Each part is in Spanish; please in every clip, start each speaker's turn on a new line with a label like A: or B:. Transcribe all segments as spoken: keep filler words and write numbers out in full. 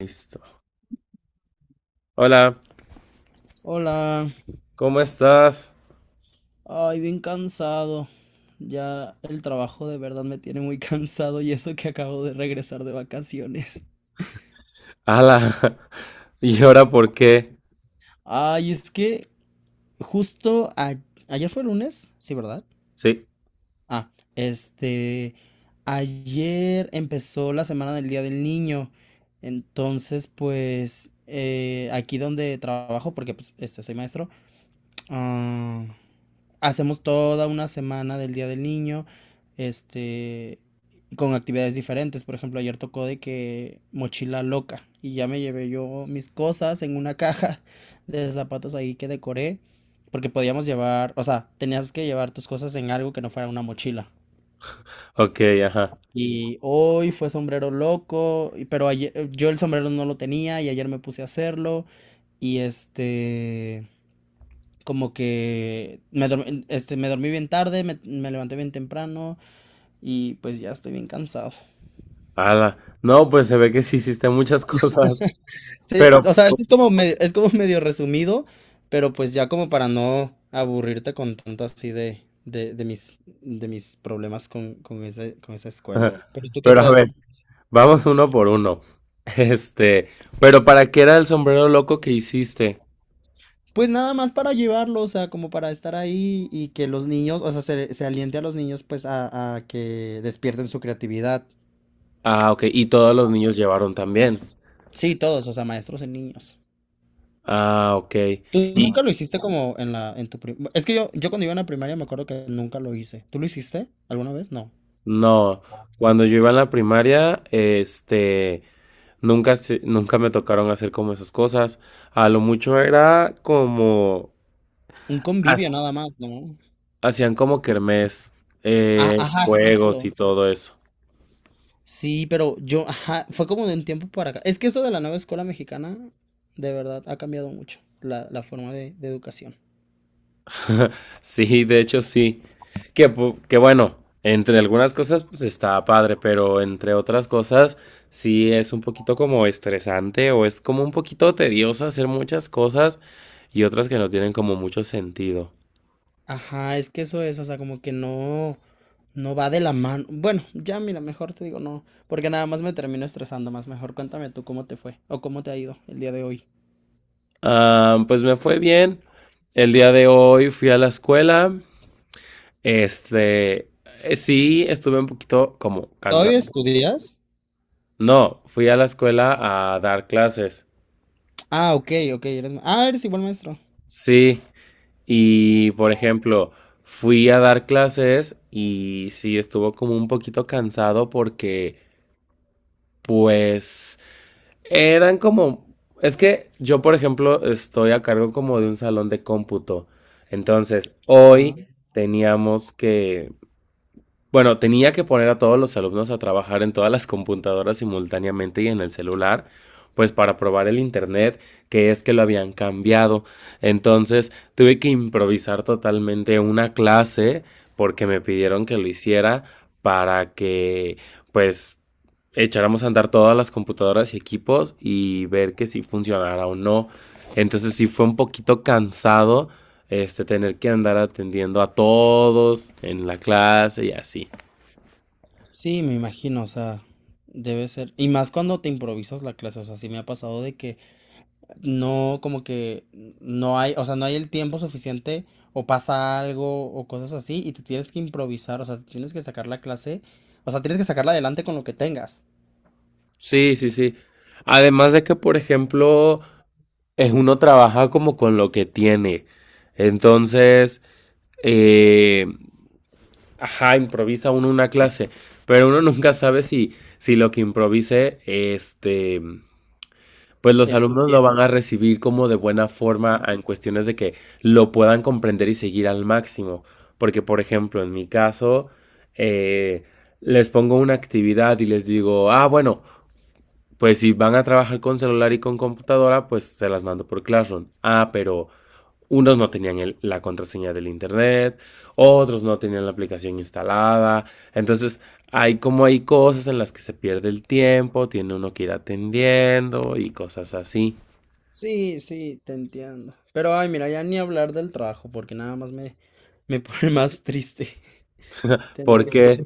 A: Listo. Hola,
B: Hola,
A: ¿cómo estás?
B: ay, bien cansado. Ya el trabajo de verdad me tiene muy cansado y eso que acabo de regresar de vacaciones.
A: Ala, ¿y ahora por qué?
B: Ay, es que justo a- ayer fue lunes, sí, ¿verdad?
A: Sí,
B: Ah, este, ayer empezó la semana del Día del Niño. Entonces, pues, eh, aquí donde trabajo, porque pues, este, soy maestro, hacemos toda una semana del Día del Niño, este, con actividades diferentes. Por ejemplo, ayer tocó de que mochila loca y ya me llevé yo mis cosas en una caja de zapatos ahí que decoré, porque podíamos llevar, o sea, tenías que llevar tus cosas en algo que no fuera una mochila.
A: ok, ajá.
B: Y hoy fue sombrero loco, y- pero ayer, yo el sombrero no lo tenía y ayer me puse a hacerlo. Y este, como que me dormí, este, me dormí bien tarde, me, me levanté bien temprano y pues ya estoy bien cansado.
A: Ala, no, pues se ve que sí hiciste muchas cosas,
B: Sí,
A: pero,
B: o sea, eso es como me- es como medio resumido, pero pues ya como para no aburrirte con tanto así de, de, de mis, de mis problemas con, con ese, con esa escuela. Pero tú, ¿qué
A: pero a
B: tal?
A: ver, vamos uno por uno. Este, pero ¿para qué era el sombrero loco que hiciste?
B: Pues nada más para llevarlo, o sea, como para estar ahí y que los niños, o sea, se, se aliente a los niños pues a, a que despierten su creatividad.
A: Ah, ok, y todos los niños llevaron también.
B: Sí, todos, o sea, maestros y niños.
A: Ah, ok.
B: ¿Tú
A: Y
B: nunca lo hiciste como en la, en tu prim- Es que yo, yo cuando iba en la primaria me acuerdo que nunca lo hice. ¿Tú lo hiciste alguna vez? No.
A: no, cuando yo iba a la primaria, este, nunca, se- nunca me tocaron hacer como esas cosas. A lo mucho era como...
B: Un convivio
A: has-
B: nada más, ¿no?
A: Hacían como kermés,
B: Ah,
A: eh,
B: ajá,
A: juegos y
B: justo.
A: todo eso.
B: Sí, pero yo, ajá, fue como de un tiempo para acá. Es que eso de la nueva escuela mexicana, de verdad, ha cambiado mucho la, la forma de, de educación.
A: Sí, de hecho sí. Que, pu- que bueno, entre algunas cosas pues está padre, pero entre otras cosas sí es un poquito como estresante o es como un poquito tedioso hacer muchas cosas y otras que no tienen como mucho sentido.
B: Ajá, es que eso es, o sea, como que no, no va de la mano. Bueno, ya mira, mejor te digo no, porque nada más me termino estresando más. Mejor cuéntame tú cómo te fue o cómo te ha ido el día de hoy.
A: Ah, pues me fue bien. El día de hoy fui a la escuela. Este, eh, sí, estuve un poquito como
B: ¿Todavía
A: cansado.
B: estudias?
A: No, fui a la escuela a dar clases.
B: Ah, ok, ok. eres ma- Ah, eres igual maestro.
A: Sí, y por ejemplo, fui a dar clases y sí estuvo como un poquito cansado porque, pues, eran como... Es que yo, por ejemplo, estoy a cargo como de un salón de cómputo. Entonces,
B: Ah.
A: hoy teníamos que Bueno, tenía que poner a todos los alumnos a trabajar en todas las computadoras simultáneamente y en el celular, pues para probar el internet, que es que lo habían cambiado. Entonces, tuve que improvisar totalmente una clase porque me pidieron que lo hiciera para que, pues, echáramos a andar todas las computadoras y equipos y ver que si funcionara o no. Entonces, sí fue un poquito cansado este tener que andar atendiendo a todos en la clase y así.
B: Sí, me imagino, o sea, debe ser. Y más cuando te improvisas la clase, o sea, sí me ha pasado de que no, como que no hay, o sea, no hay el tiempo suficiente o pasa algo o cosas así y te tienes que improvisar, o sea, tienes que sacar la clase, o sea, tienes que sacarla adelante con lo que tengas.
A: Sí, sí, sí. Además de que, por ejemplo, es uno trabaja como con lo que tiene. Entonces, eh, ajá, improvisa uno una clase, pero uno nunca sabe si, si lo que improvise, este, pues los
B: Está
A: alumnos lo
B: bien.
A: van a recibir como de buena forma en cuestiones de que lo puedan comprender y seguir al máximo. Porque, por ejemplo, en mi caso, eh, les pongo una actividad y les digo, ah, bueno, pues si van a trabajar con celular y con computadora, pues se las mando por Classroom. Ah, pero unos no tenían el- la contraseña del internet, otros no tenían la aplicación instalada. Entonces, hay como hay cosas en las que se pierde el tiempo, tiene uno que ir atendiendo y cosas así.
B: Sí, sí, te entiendo. Pero, ay, mira, ya ni hablar del trabajo porque nada más me, me pone más triste. Tener que ser.
A: Porque,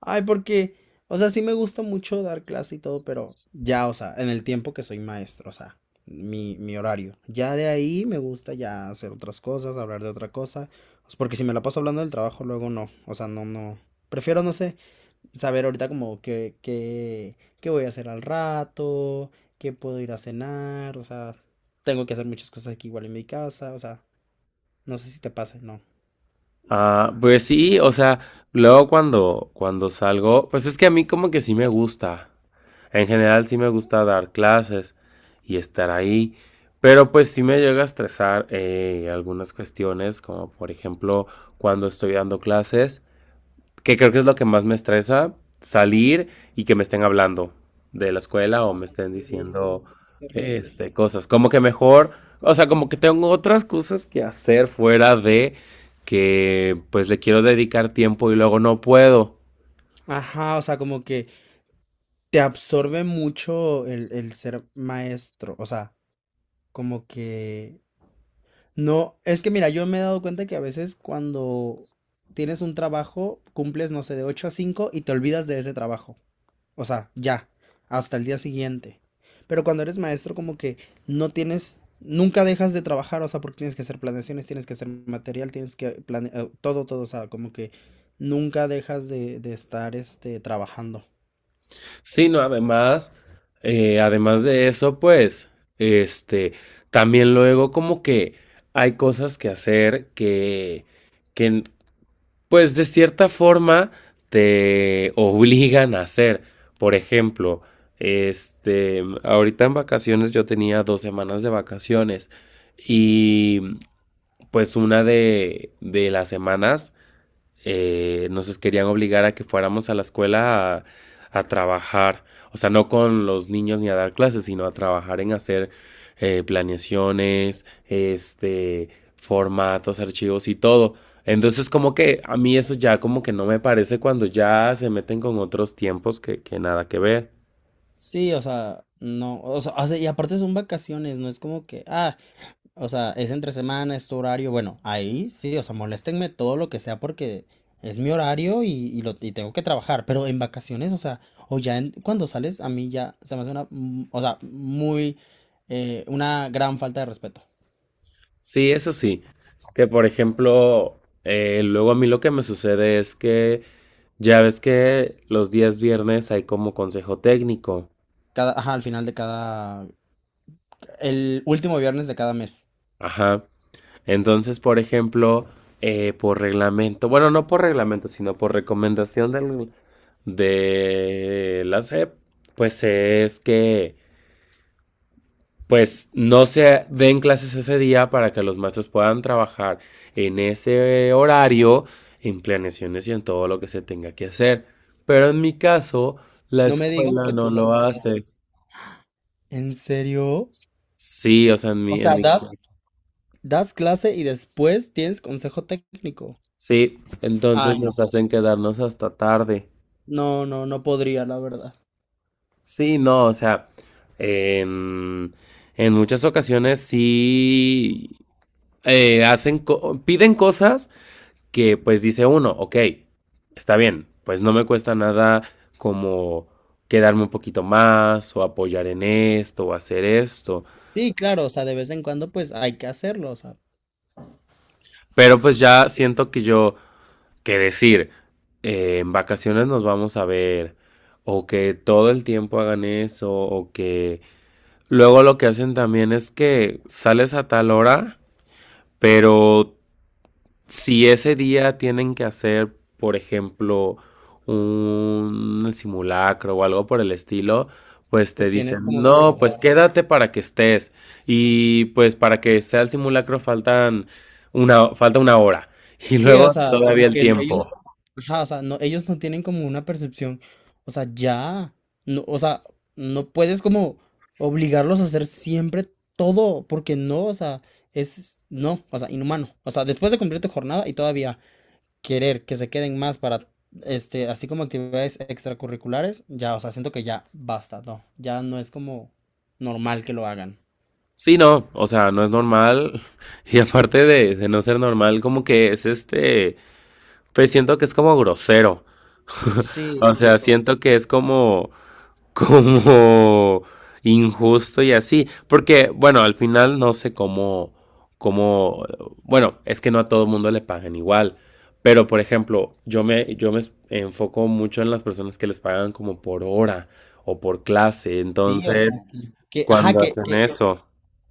B: Ay, porque, o sea, sí me gusta mucho dar clase y todo, pero ya, o sea, en el tiempo que soy maestro, o sea, mi, mi horario. Ya de ahí me gusta ya hacer otras cosas, hablar de otra cosa, pues, porque si me la paso hablando del trabajo, luego no, o sea, no, no. Prefiero, no sé, saber ahorita como qué, qué, qué voy a hacer al rato, qué puedo ir a cenar, o sea, tengo que hacer muchas cosas aquí igual en mi casa, o sea, no sé si te pase, no.
A: ah, pues sí, o sea, luego cuando, cuando salgo, pues es que a mí como que sí me gusta. En general sí me gusta dar clases y estar ahí, pero pues sí me llega a estresar eh, algunas cuestiones, como por ejemplo cuando estoy dando clases, que creo que es lo que más me estresa, salir y que me estén hablando de la escuela o me estén
B: Sí, sí,
A: diciendo
B: sí, es terrible.
A: este, cosas. Como que mejor, o sea, como que tengo otras cosas que hacer fuera de que pues le quiero dedicar tiempo y luego no puedo.
B: Ajá, o sea, como que te absorbe mucho el, el ser maestro, o sea, como que no, es que mira, yo me he dado cuenta que a veces cuando tienes un trabajo, cumples, no sé, de ocho a cinco y te olvidas de ese trabajo, o sea, ya, hasta el día siguiente. Pero cuando eres maestro, como que no tienes, nunca dejas de trabajar, o sea, porque tienes que hacer planeaciones, tienes que hacer material, tienes que planear, todo, todo, o sea, como que nunca dejas de, de estar, este, trabajando.
A: Sí, no, además, eh, además de eso, pues, este, también luego como que hay cosas que hacer que, que, pues, de cierta forma te obligan a hacer. Por ejemplo, este, ahorita en vacaciones yo tenía dos semanas de vacaciones y, pues, una de, de las semanas eh, nos querían obligar a que fuéramos a la escuela a, a, trabajar, o sea, no con los niños ni a dar clases, sino a trabajar en hacer eh, planeaciones, este, formatos, archivos y todo. Entonces como que a mí eso ya como que no me parece cuando ya se meten con otros tiempos que, que nada que ver.
B: Sí, o sea, no, o sea, o sea, y aparte son vacaciones, no es como que, ah, o sea, es entre semana, es tu horario, bueno, ahí sí, o sea, moléstenme todo lo que sea porque es mi horario y, y lo, y tengo que trabajar, pero en vacaciones, o sea, o ya en- cuando sales, a mí ya se me hace una, mm, o sea, muy, eh, una gran falta de respeto.
A: Sí, eso sí. Que por ejemplo, eh, luego a mí lo que me sucede es que ya ves que los días viernes hay como consejo técnico.
B: Cada, ajá, al final de cada, el último viernes de cada mes.
A: Ajá. Entonces, por ejemplo, eh, por reglamento, bueno, no por reglamento, sino por recomendación del- de la S E P, pues es que pues no se den clases ese día para que los maestros puedan trabajar en ese horario, en planeaciones y en todo lo que se tenga que hacer. Pero en mi caso, la
B: No me digas
A: escuela
B: que tú
A: no lo
B: das
A: hace.
B: clases. ¿En serio?
A: Sí, o sea, en
B: O
A: mi, en
B: sea,
A: mi,
B: das Das clase y después tienes consejo técnico.
A: sí, entonces
B: Ay,
A: nos
B: no.
A: hacen quedarnos hasta tarde.
B: No, no, no podría, la verdad.
A: Sí, no, o sea, en, en muchas ocasiones sí eh, hacen co- piden cosas que pues dice uno, ok, está bien, pues no me cuesta nada como quedarme un poquito más o apoyar en esto o hacer esto,
B: Sí, claro, o sea, de vez en cuando pues hay que hacerlo, o sea,
A: pero pues ya siento que yo, que decir, eh, en vacaciones nos vamos a ver o que todo el tiempo hagan eso o que... Luego lo que hacen también es que sales a tal hora. Pero si ese día tienen que hacer, por ejemplo, un simulacro o algo por el estilo, pues
B: te
A: te dicen,
B: tienes como que
A: no, pues
B: quedar.
A: quédate para que estés. Y pues para que sea el simulacro faltan una, falta una hora. Y
B: Sí, o
A: luego
B: sea,
A: todavía
B: como
A: el
B: que ellos,
A: tiempo.
B: ajá, o sea, no, ellos no tienen como una percepción, o sea, ya, no, o sea, no puedes como obligarlos a hacer siempre todo, porque no, o sea, es, no, o sea, inhumano, o sea, después de cumplir tu jornada y todavía, querer que se queden más para, este, así como actividades extracurriculares, ya, o sea, siento que ya basta, no, ya no es como normal que lo hagan.
A: Sí, no, o sea, no es normal. Y aparte de, de no ser normal, como que es este, pues siento que es como grosero.
B: Sí,
A: O sea,
B: justo.
A: siento que es como como injusto y así. Porque, bueno, al final no sé cómo, cómo, bueno, es que no a todo el mundo le pagan igual. Pero, por ejemplo, yo me, yo me enfoco mucho en las personas que les pagan como por hora o por clase.
B: Sí, o sea,
A: Entonces,
B: que, que- ajá,
A: cuando
B: que,
A: hacen
B: que-
A: eso.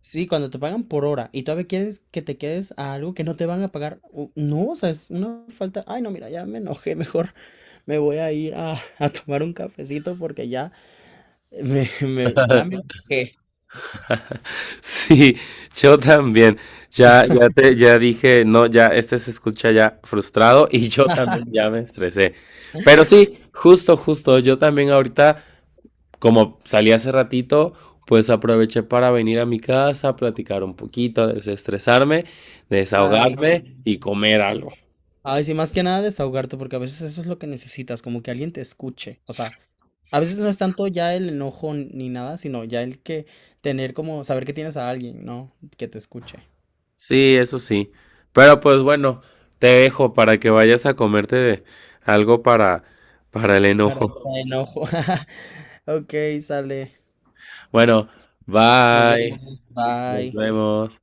B: sí, cuando te pagan por hora y todavía quieres que te quedes a algo que no te van a pagar, u- no, o sea, es una falta, ay, no, mira, ya me enojé, mejor me voy a ir a, a tomar un cafecito porque ya me, me- ya me enojé.
A: Sí, yo también. Ya, ya te, ya dije, no, ya este se escucha ya frustrado y yo también ya me estresé. Pero sí, justo, justo, yo también ahorita, como salí hace ratito, pues aproveché para venir a mi casa, platicar un poquito, desestresarme,
B: Ay, sí.
A: desahogarme y comer algo.
B: Ay, sí, más que nada desahogarte, porque a veces eso es lo que necesitas, como que alguien te escuche. O sea, a veces no es tanto ya el enojo ni nada, sino ya el que tener como saber que tienes a alguien, ¿no? Que te escuche.
A: Sí, eso sí. Pero pues bueno, te dejo para que vayas a comerte algo para, para el
B: Para
A: enojo.
B: el enojo. Ok, sale.
A: Bueno,
B: Nos
A: bye.
B: vemos.
A: Nos
B: Bye.
A: vemos.